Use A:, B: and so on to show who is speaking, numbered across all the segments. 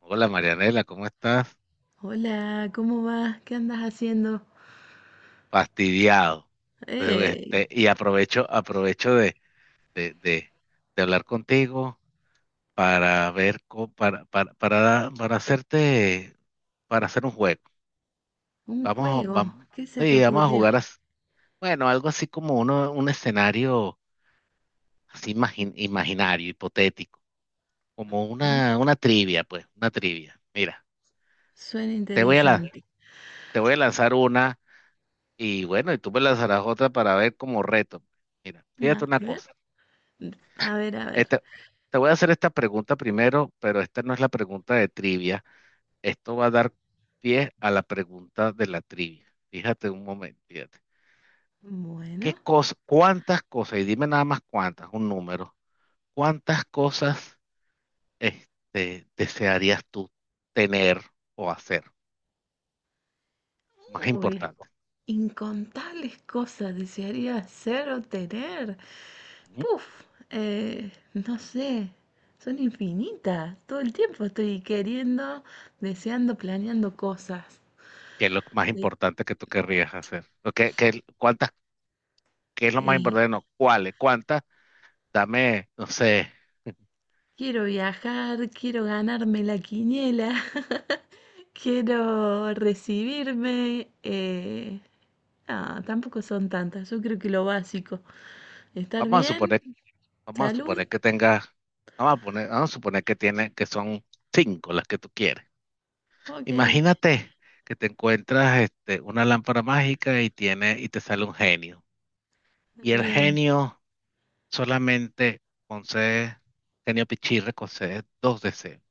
A: Hola, Marianela, ¿cómo estás?
B: Hola, ¿cómo vas? ¿Qué andas haciendo?
A: Fastidiado. Entonces,
B: ¡Ey!
A: Y aprovecho, aprovecho de, de- de hablar contigo para ver, para hacer un juego.
B: Un
A: Vamos,
B: juego.
A: vamos,
B: ¿Qué se te
A: sí, vamos a
B: ocurrió?
A: jugar, bueno, algo así como un escenario así imaginario, hipotético, como
B: Ah,
A: una trivia, pues, una trivia. Mira,
B: suena
A: te voy a la,
B: interesante.
A: te voy a lanzar una. Y bueno, y tú me lanzarás otra para ver como reto. Mira, fíjate
B: A
A: una
B: ver,
A: cosa.
B: a ver, a ver.
A: Este- te voy a hacer esta pregunta primero, pero esta no es la pregunta de trivia. Esto va a dar pie a la pregunta de la trivia. Fíjate un momento, fíjate.
B: Bueno.
A: ¿Qué cosa, cuántas cosas, y dime nada más cuántas, Un número, cuántas cosas, ¿desearías tú tener o hacer? Más
B: Uy,
A: importante.
B: incontables cosas desearía hacer o tener.
A: Ujú.
B: Puf, no sé. Son infinitas. Todo el tiempo estoy queriendo, deseando, planeando cosas.
A: ¿Qué es lo más
B: De-
A: importante que tú querrías hacer? ¿O qué- qué- cuántas qué es lo más
B: eh,
A: importante? No, cuáles, cuántas, dame, no sé,
B: quiero viajar, quiero ganarme la quiniela. Quiero recibirme. Ah, tampoco son tantas. Yo creo que lo básico. Estar
A: vamos a
B: bien,
A: suponer, vamos a
B: salud.
A: suponer que tenga, vamos a suponer que tiene, que son cinco las que tú quieres.
B: Ok,
A: Imagínate que te encuentras, una lámpara mágica y tiene, y te sale un genio. Y el
B: bien.
A: genio solamente concede, genio pichirre concede dos deseos.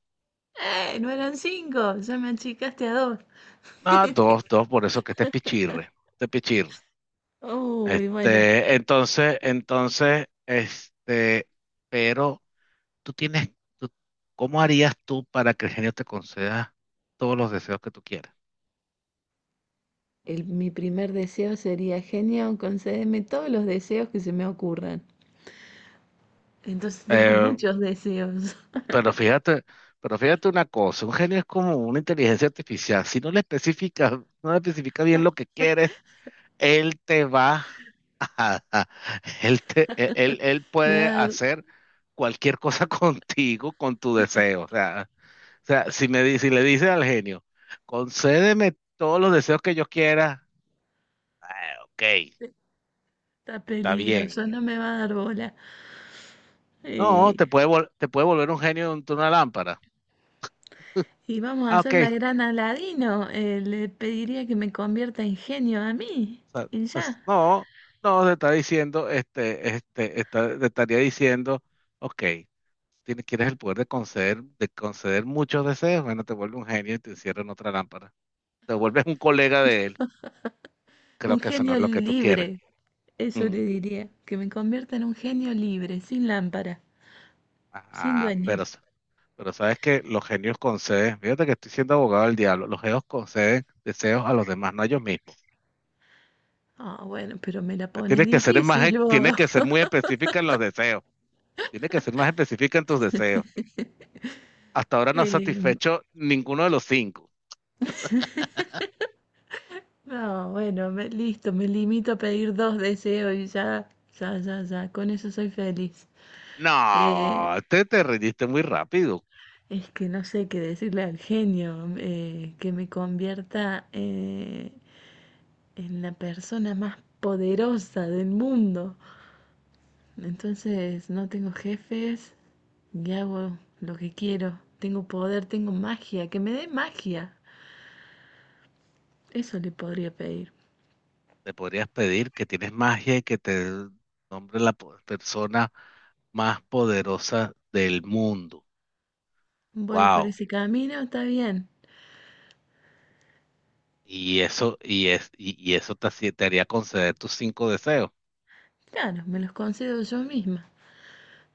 B: ¡Eh! No eran cinco. Ya me achicaste a dos.
A: Ah, dos, dos, por eso que este es pichirre, este es pichirre.
B: Uy, bueno.
A: Entonces, pero tú tienes, tú- ¿cómo harías tú para que el genio te conceda todos los deseos que tú quieras?
B: Mi primer deseo sería, genio, concédeme todos los deseos que se me ocurran. Entonces tengo
A: Eh,
B: muchos deseos.
A: pero fíjate, pero fíjate una cosa, un genio es como una inteligencia artificial. Si no le especificas, no le especifica bien lo que quieres, él te va a, él te, él, él él
B: Me va
A: puede
B: a dar,
A: hacer cualquier cosa contigo, con tu deseo. O sea, si si le dices al genio, concédeme todos los deseos que yo quiera, ah, ok,
B: está
A: está bien.
B: peligroso, no me va a dar bola.
A: No,
B: Eh,
A: te puede volver un genio de de una lámpara.
B: Y vamos a
A: Ah,
B: hacer
A: ok.
B: la gran Aladino. Le pediría que me convierta en genio a mí.
A: O sea,
B: Y
A: pues,
B: ya,
A: no, te está diciendo, te estaría diciendo, ok, quieres el poder de conceder muchos deseos, bueno, te vuelve un genio y te encierra en otra lámpara. Te vuelves un colega de él. Creo
B: un
A: que eso no
B: genio
A: es lo que tú quieres.
B: libre. Eso
A: Mm,
B: le diría, que me convierta en un genio libre, sin lámpara, sin
A: ajá,
B: dueño.
A: pero sabes que los genios conceden, fíjate que estoy siendo abogado del diablo, los genios conceden deseos a los demás, no a ellos mismos.
B: Ah, bueno, pero me la pones
A: Tienes que ser más,
B: difícil
A: tienes
B: vos.
A: que ser muy específica en los deseos. Tienes que ser más específica en tus deseos. Hasta ahora no has
B: Eh,
A: satisfecho ninguno de los cinco.
B: no, bueno, listo, me limito a pedir dos deseos y ya, ya, ya, ya, con eso soy feliz. Eh,
A: No, te rendiste muy rápido.
B: es que no sé qué decirle al genio, que me convierta, en la persona más poderosa del mundo. Entonces no tengo jefes y hago lo que quiero. Tengo poder, tengo magia, que me dé magia. Eso le podría pedir.
A: Te podrías pedir que tienes magia y que te nombre la persona más poderosa del mundo.
B: Voy por
A: Wow.
B: ese camino, está bien.
A: Y eso, y es, y eso te haría conceder tus cinco deseos.
B: Claro, me los concedo yo misma.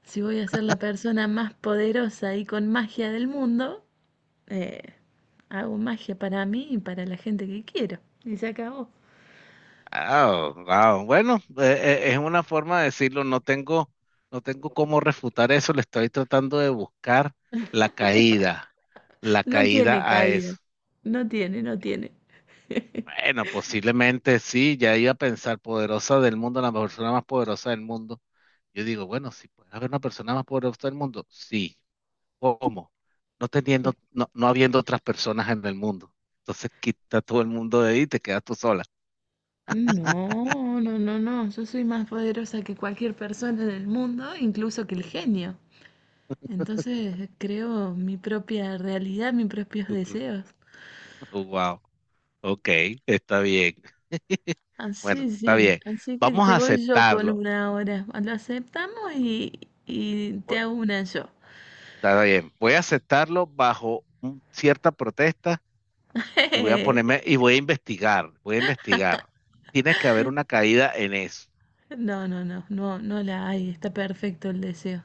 B: Si voy a ser la persona más poderosa y con magia del mundo, eh, hago magia para mí y para la gente que quiero. Y se acabó.
A: Ah, wow. Bueno, es una forma de decirlo. No tengo cómo refutar eso. Le estoy tratando de buscar la caída, la
B: No tiene
A: caída a
B: caída.
A: eso.
B: No tiene, no tiene.
A: Bueno, posiblemente sí. Ya iba a pensar poderosa del mundo, la persona más poderosa del mundo. Yo digo, bueno, si puede haber una persona más poderosa del mundo, sí. ¿Cómo? No teniendo, no, no habiendo otras personas en el mundo. Entonces quita todo el mundo de ahí y te quedas tú sola.
B: No, no, no, no. Yo soy más poderosa que cualquier persona en el mundo, incluso que el genio. Entonces creo mi propia realidad, mis propios deseos.
A: Wow. Ok, está bien.
B: Así,
A: Bueno, está
B: sí.
A: bien.
B: Así que
A: Vamos a
B: te voy yo con
A: aceptarlo.
B: una ahora. Lo aceptamos y te
A: Bu-
B: hago una yo.
A: Está bien. Voy a aceptarlo bajo cierta protesta y voy a ponerme y voy a investigar. Voy a investigar. Tiene que haber una caída en eso.
B: No, no, no, no, no la hay. Está perfecto el deseo.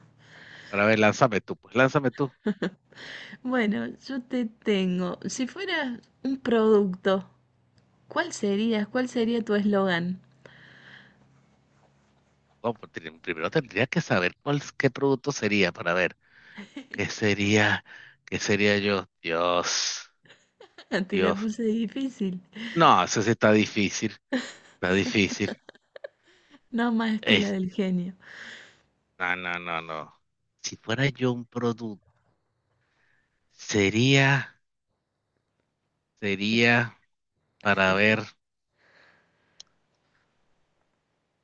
A: Pero a ver, lánzame tú. Pues lánzame tú.
B: Bueno, yo te tengo. Si fueras un producto, ¿cuál serías? ¿Cuál sería tu eslogan?
A: No, pues, primero tendría que saber qué producto sería para ver qué sería, qué sería yo. Dios,
B: Te la
A: Dios.
B: puse difícil,
A: No, eso sí está difícil. Está difícil.
B: no más que la
A: Es-
B: del genio.
A: no, no. Si fuera yo un producto, sería. Sería, para ver,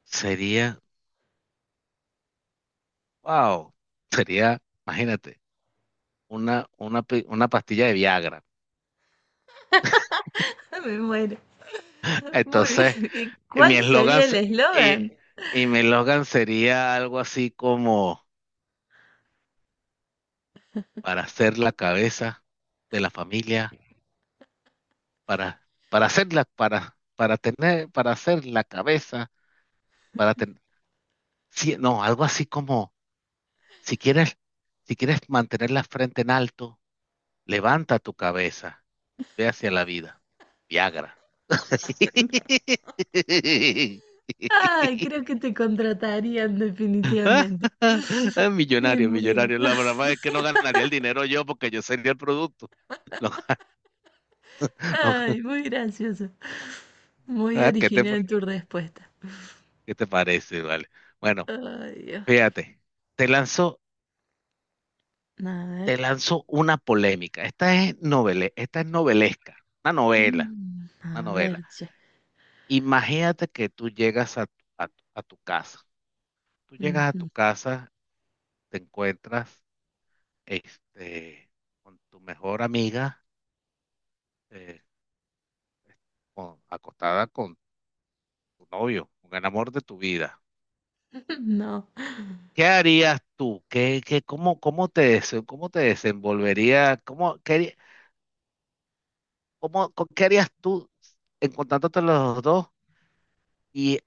A: sería, wow, sería, imagínate, una pastilla de Viagra.
B: Me muero. Muy
A: Entonces,
B: bien. ¿Y
A: mi
B: cuál
A: eslogan
B: sería el
A: se-
B: eslogan?
A: y mi eslogan sería algo así como para ser la cabeza de la familia, para tener, para ser la cabeza, para tener, no, algo así como, si quieres, si quieres mantener la frente en alto, levanta tu cabeza, ve hacia la vida. Viagra.
B: Ay, creo que te contratarían definitivamente.
A: Ah,
B: Me
A: millonario,
B: muero.
A: millonario. La verdad es que no ganaría el dinero yo porque yo sería el producto. No, no.
B: Ay, muy gracioso. Muy
A: Ah,
B: original tu respuesta.
A: qué te parece? Vale. Bueno,
B: Ay, Dios.
A: fíjate, te lanzo,
B: A ver.
A: te lanzo una polémica. Esta es novele, esta es novelesca,
B: Mm,
A: una
B: a
A: novela.
B: ver, che.
A: Imagínate que tú llegas a, a tu casa. Tú llegas a tu
B: Ujú.
A: casa, te encuentras, este, con tu mejor amiga, eh, acostada con tu novio, con el amor de tu vida.
B: No.
A: ¿Qué harías tú? Cómo cómo te desenvolverías? ¿Cómo, qué, haría- cómo, con- qué harías tú encontrándote los dos? Y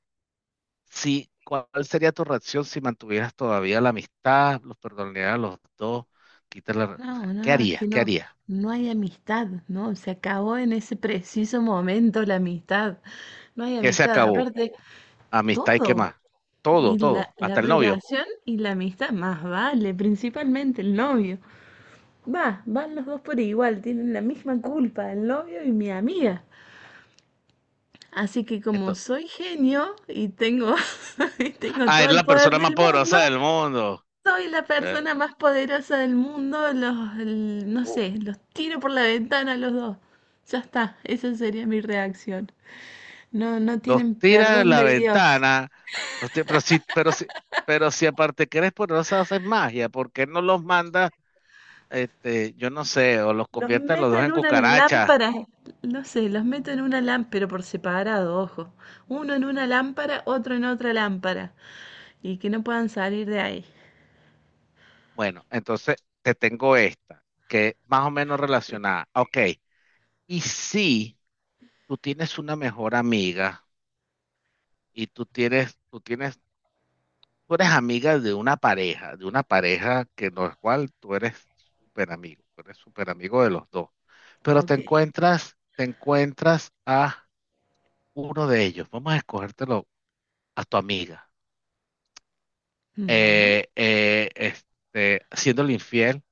A: si, ¿cuál sería tu reacción si mantuvieras todavía la amistad, los perdonarías a los dos? O
B: No,
A: sea,
B: no,
A: ¿qué
B: no, es
A: harías?
B: que
A: ¿Qué
B: no,
A: harías?
B: no hay amistad, ¿no? Se acabó en ese preciso momento la amistad. No hay
A: ¿Qué se
B: amistad,
A: acabó?
B: aparte,
A: Amistad y qué
B: todo.
A: más. Todo,
B: Y la,
A: todo,
B: la
A: hasta el novio.
B: relación y la amistad, más vale, principalmente el novio. Va, van los dos por igual, tienen la misma culpa, el novio y mi amiga. Así que como
A: Entonces,
B: soy genio y tengo, y tengo
A: ah,
B: todo
A: eres
B: el
A: la
B: poder
A: persona más
B: del mundo,
A: poderosa del mundo.
B: soy la
A: Eh,
B: persona más poderosa del mundo, no sé, los tiro por la ventana a los dos. Ya está, esa sería mi reacción. No, no
A: los
B: tienen
A: tira de
B: perdón
A: la
B: de Dios.
A: ventana, los tira- pero si, pero si, pero si aparte que eres poderosa haces magia, ¿por qué no los manda, este, yo no sé, o los
B: Los
A: conviertes los
B: meto
A: dos
B: en
A: en
B: una
A: cucarachas?
B: lámpara, no sé, los meto en una lámpara, pero por separado, ojo. Uno en una lámpara, otro en otra lámpara, y que no puedan salir de ahí.
A: Bueno, entonces te tengo esta, que es más o menos relacionada. Ok, y si tú tienes una mejor amiga y tú eres amiga de una pareja que no es cual tú eres súper amigo, tú eres súper amigo de los dos, pero
B: Ok,
A: te encuentras a uno de ellos, vamos a escogértelo a tu amiga,
B: bueno.
A: siéndole infiel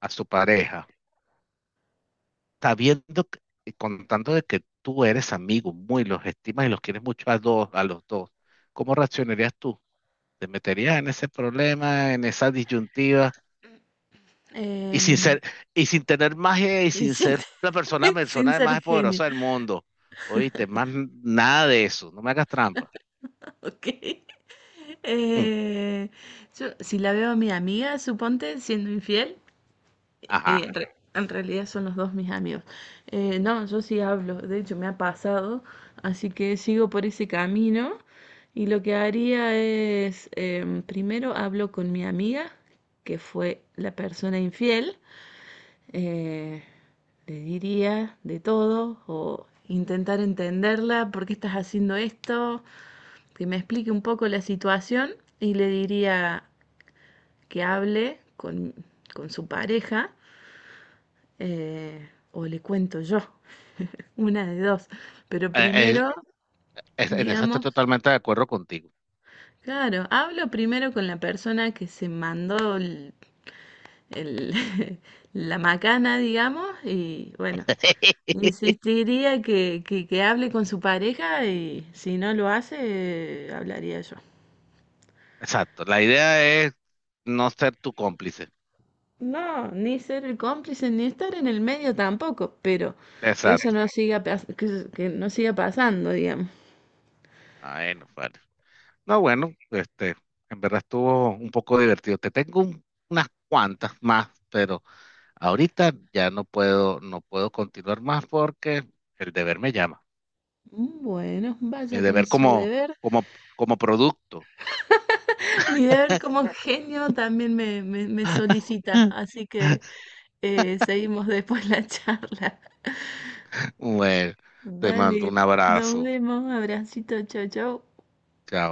A: a su pareja, sabiendo que- y contando de que tú eres amigo, muy los estimas y los quieres mucho a dos, a los dos, ¿cómo reaccionarías tú? ¿Te meterías en ese problema, en esa disyuntiva? Y sin
B: em,
A: ser, y sin tener magia y
B: y
A: sin
B: sin,
A: ser la
B: sin
A: persona
B: ser
A: más
B: genio.
A: poderosa del mundo. Oíste, más nada de eso. No me hagas trampa.
B: Ok.
A: Mm,
B: Eh, yo, si la veo a mi amiga, suponte, siendo infiel,
A: ajá.
B: en realidad son los dos mis amigos. No, yo sí hablo, de hecho me ha pasado, así que sigo por ese camino y lo que haría es, primero hablo con mi amiga, que fue la persona infiel, eh, le diría de todo o intentar entenderla, ¿por qué estás haciendo esto? Que me explique un poco la situación y le diría que hable con su pareja, o le cuento yo, una de dos. Pero
A: Eh, eh,
B: primero,
A: en eso estoy
B: digamos,
A: totalmente de acuerdo contigo.
B: claro, hablo primero con la persona que se mandó el- la macana, digamos, y bueno, insistiría que hable con su pareja y si no lo hace, hablaría yo.
A: Exacto. La idea es no ser tu cómplice.
B: No, ni ser el cómplice, ni estar en el medio tampoco, pero que eso
A: Exacto.
B: no siga, que no siga pasando, digamos.
A: Ay, no, vale. No, bueno, este, en verdad estuvo un poco divertido. Te tengo unas cuantas más, pero ahorita no puedo continuar más porque el deber me llama.
B: Bueno,
A: Mi
B: vaya con su deber.
A: como, como producto.
B: Mi deber como genio también me solicita, así que seguimos después la charla.
A: Bueno, te mando
B: Dale,
A: un
B: nos
A: abrazo.
B: vemos, abracito, chau, chau.
A: Chao.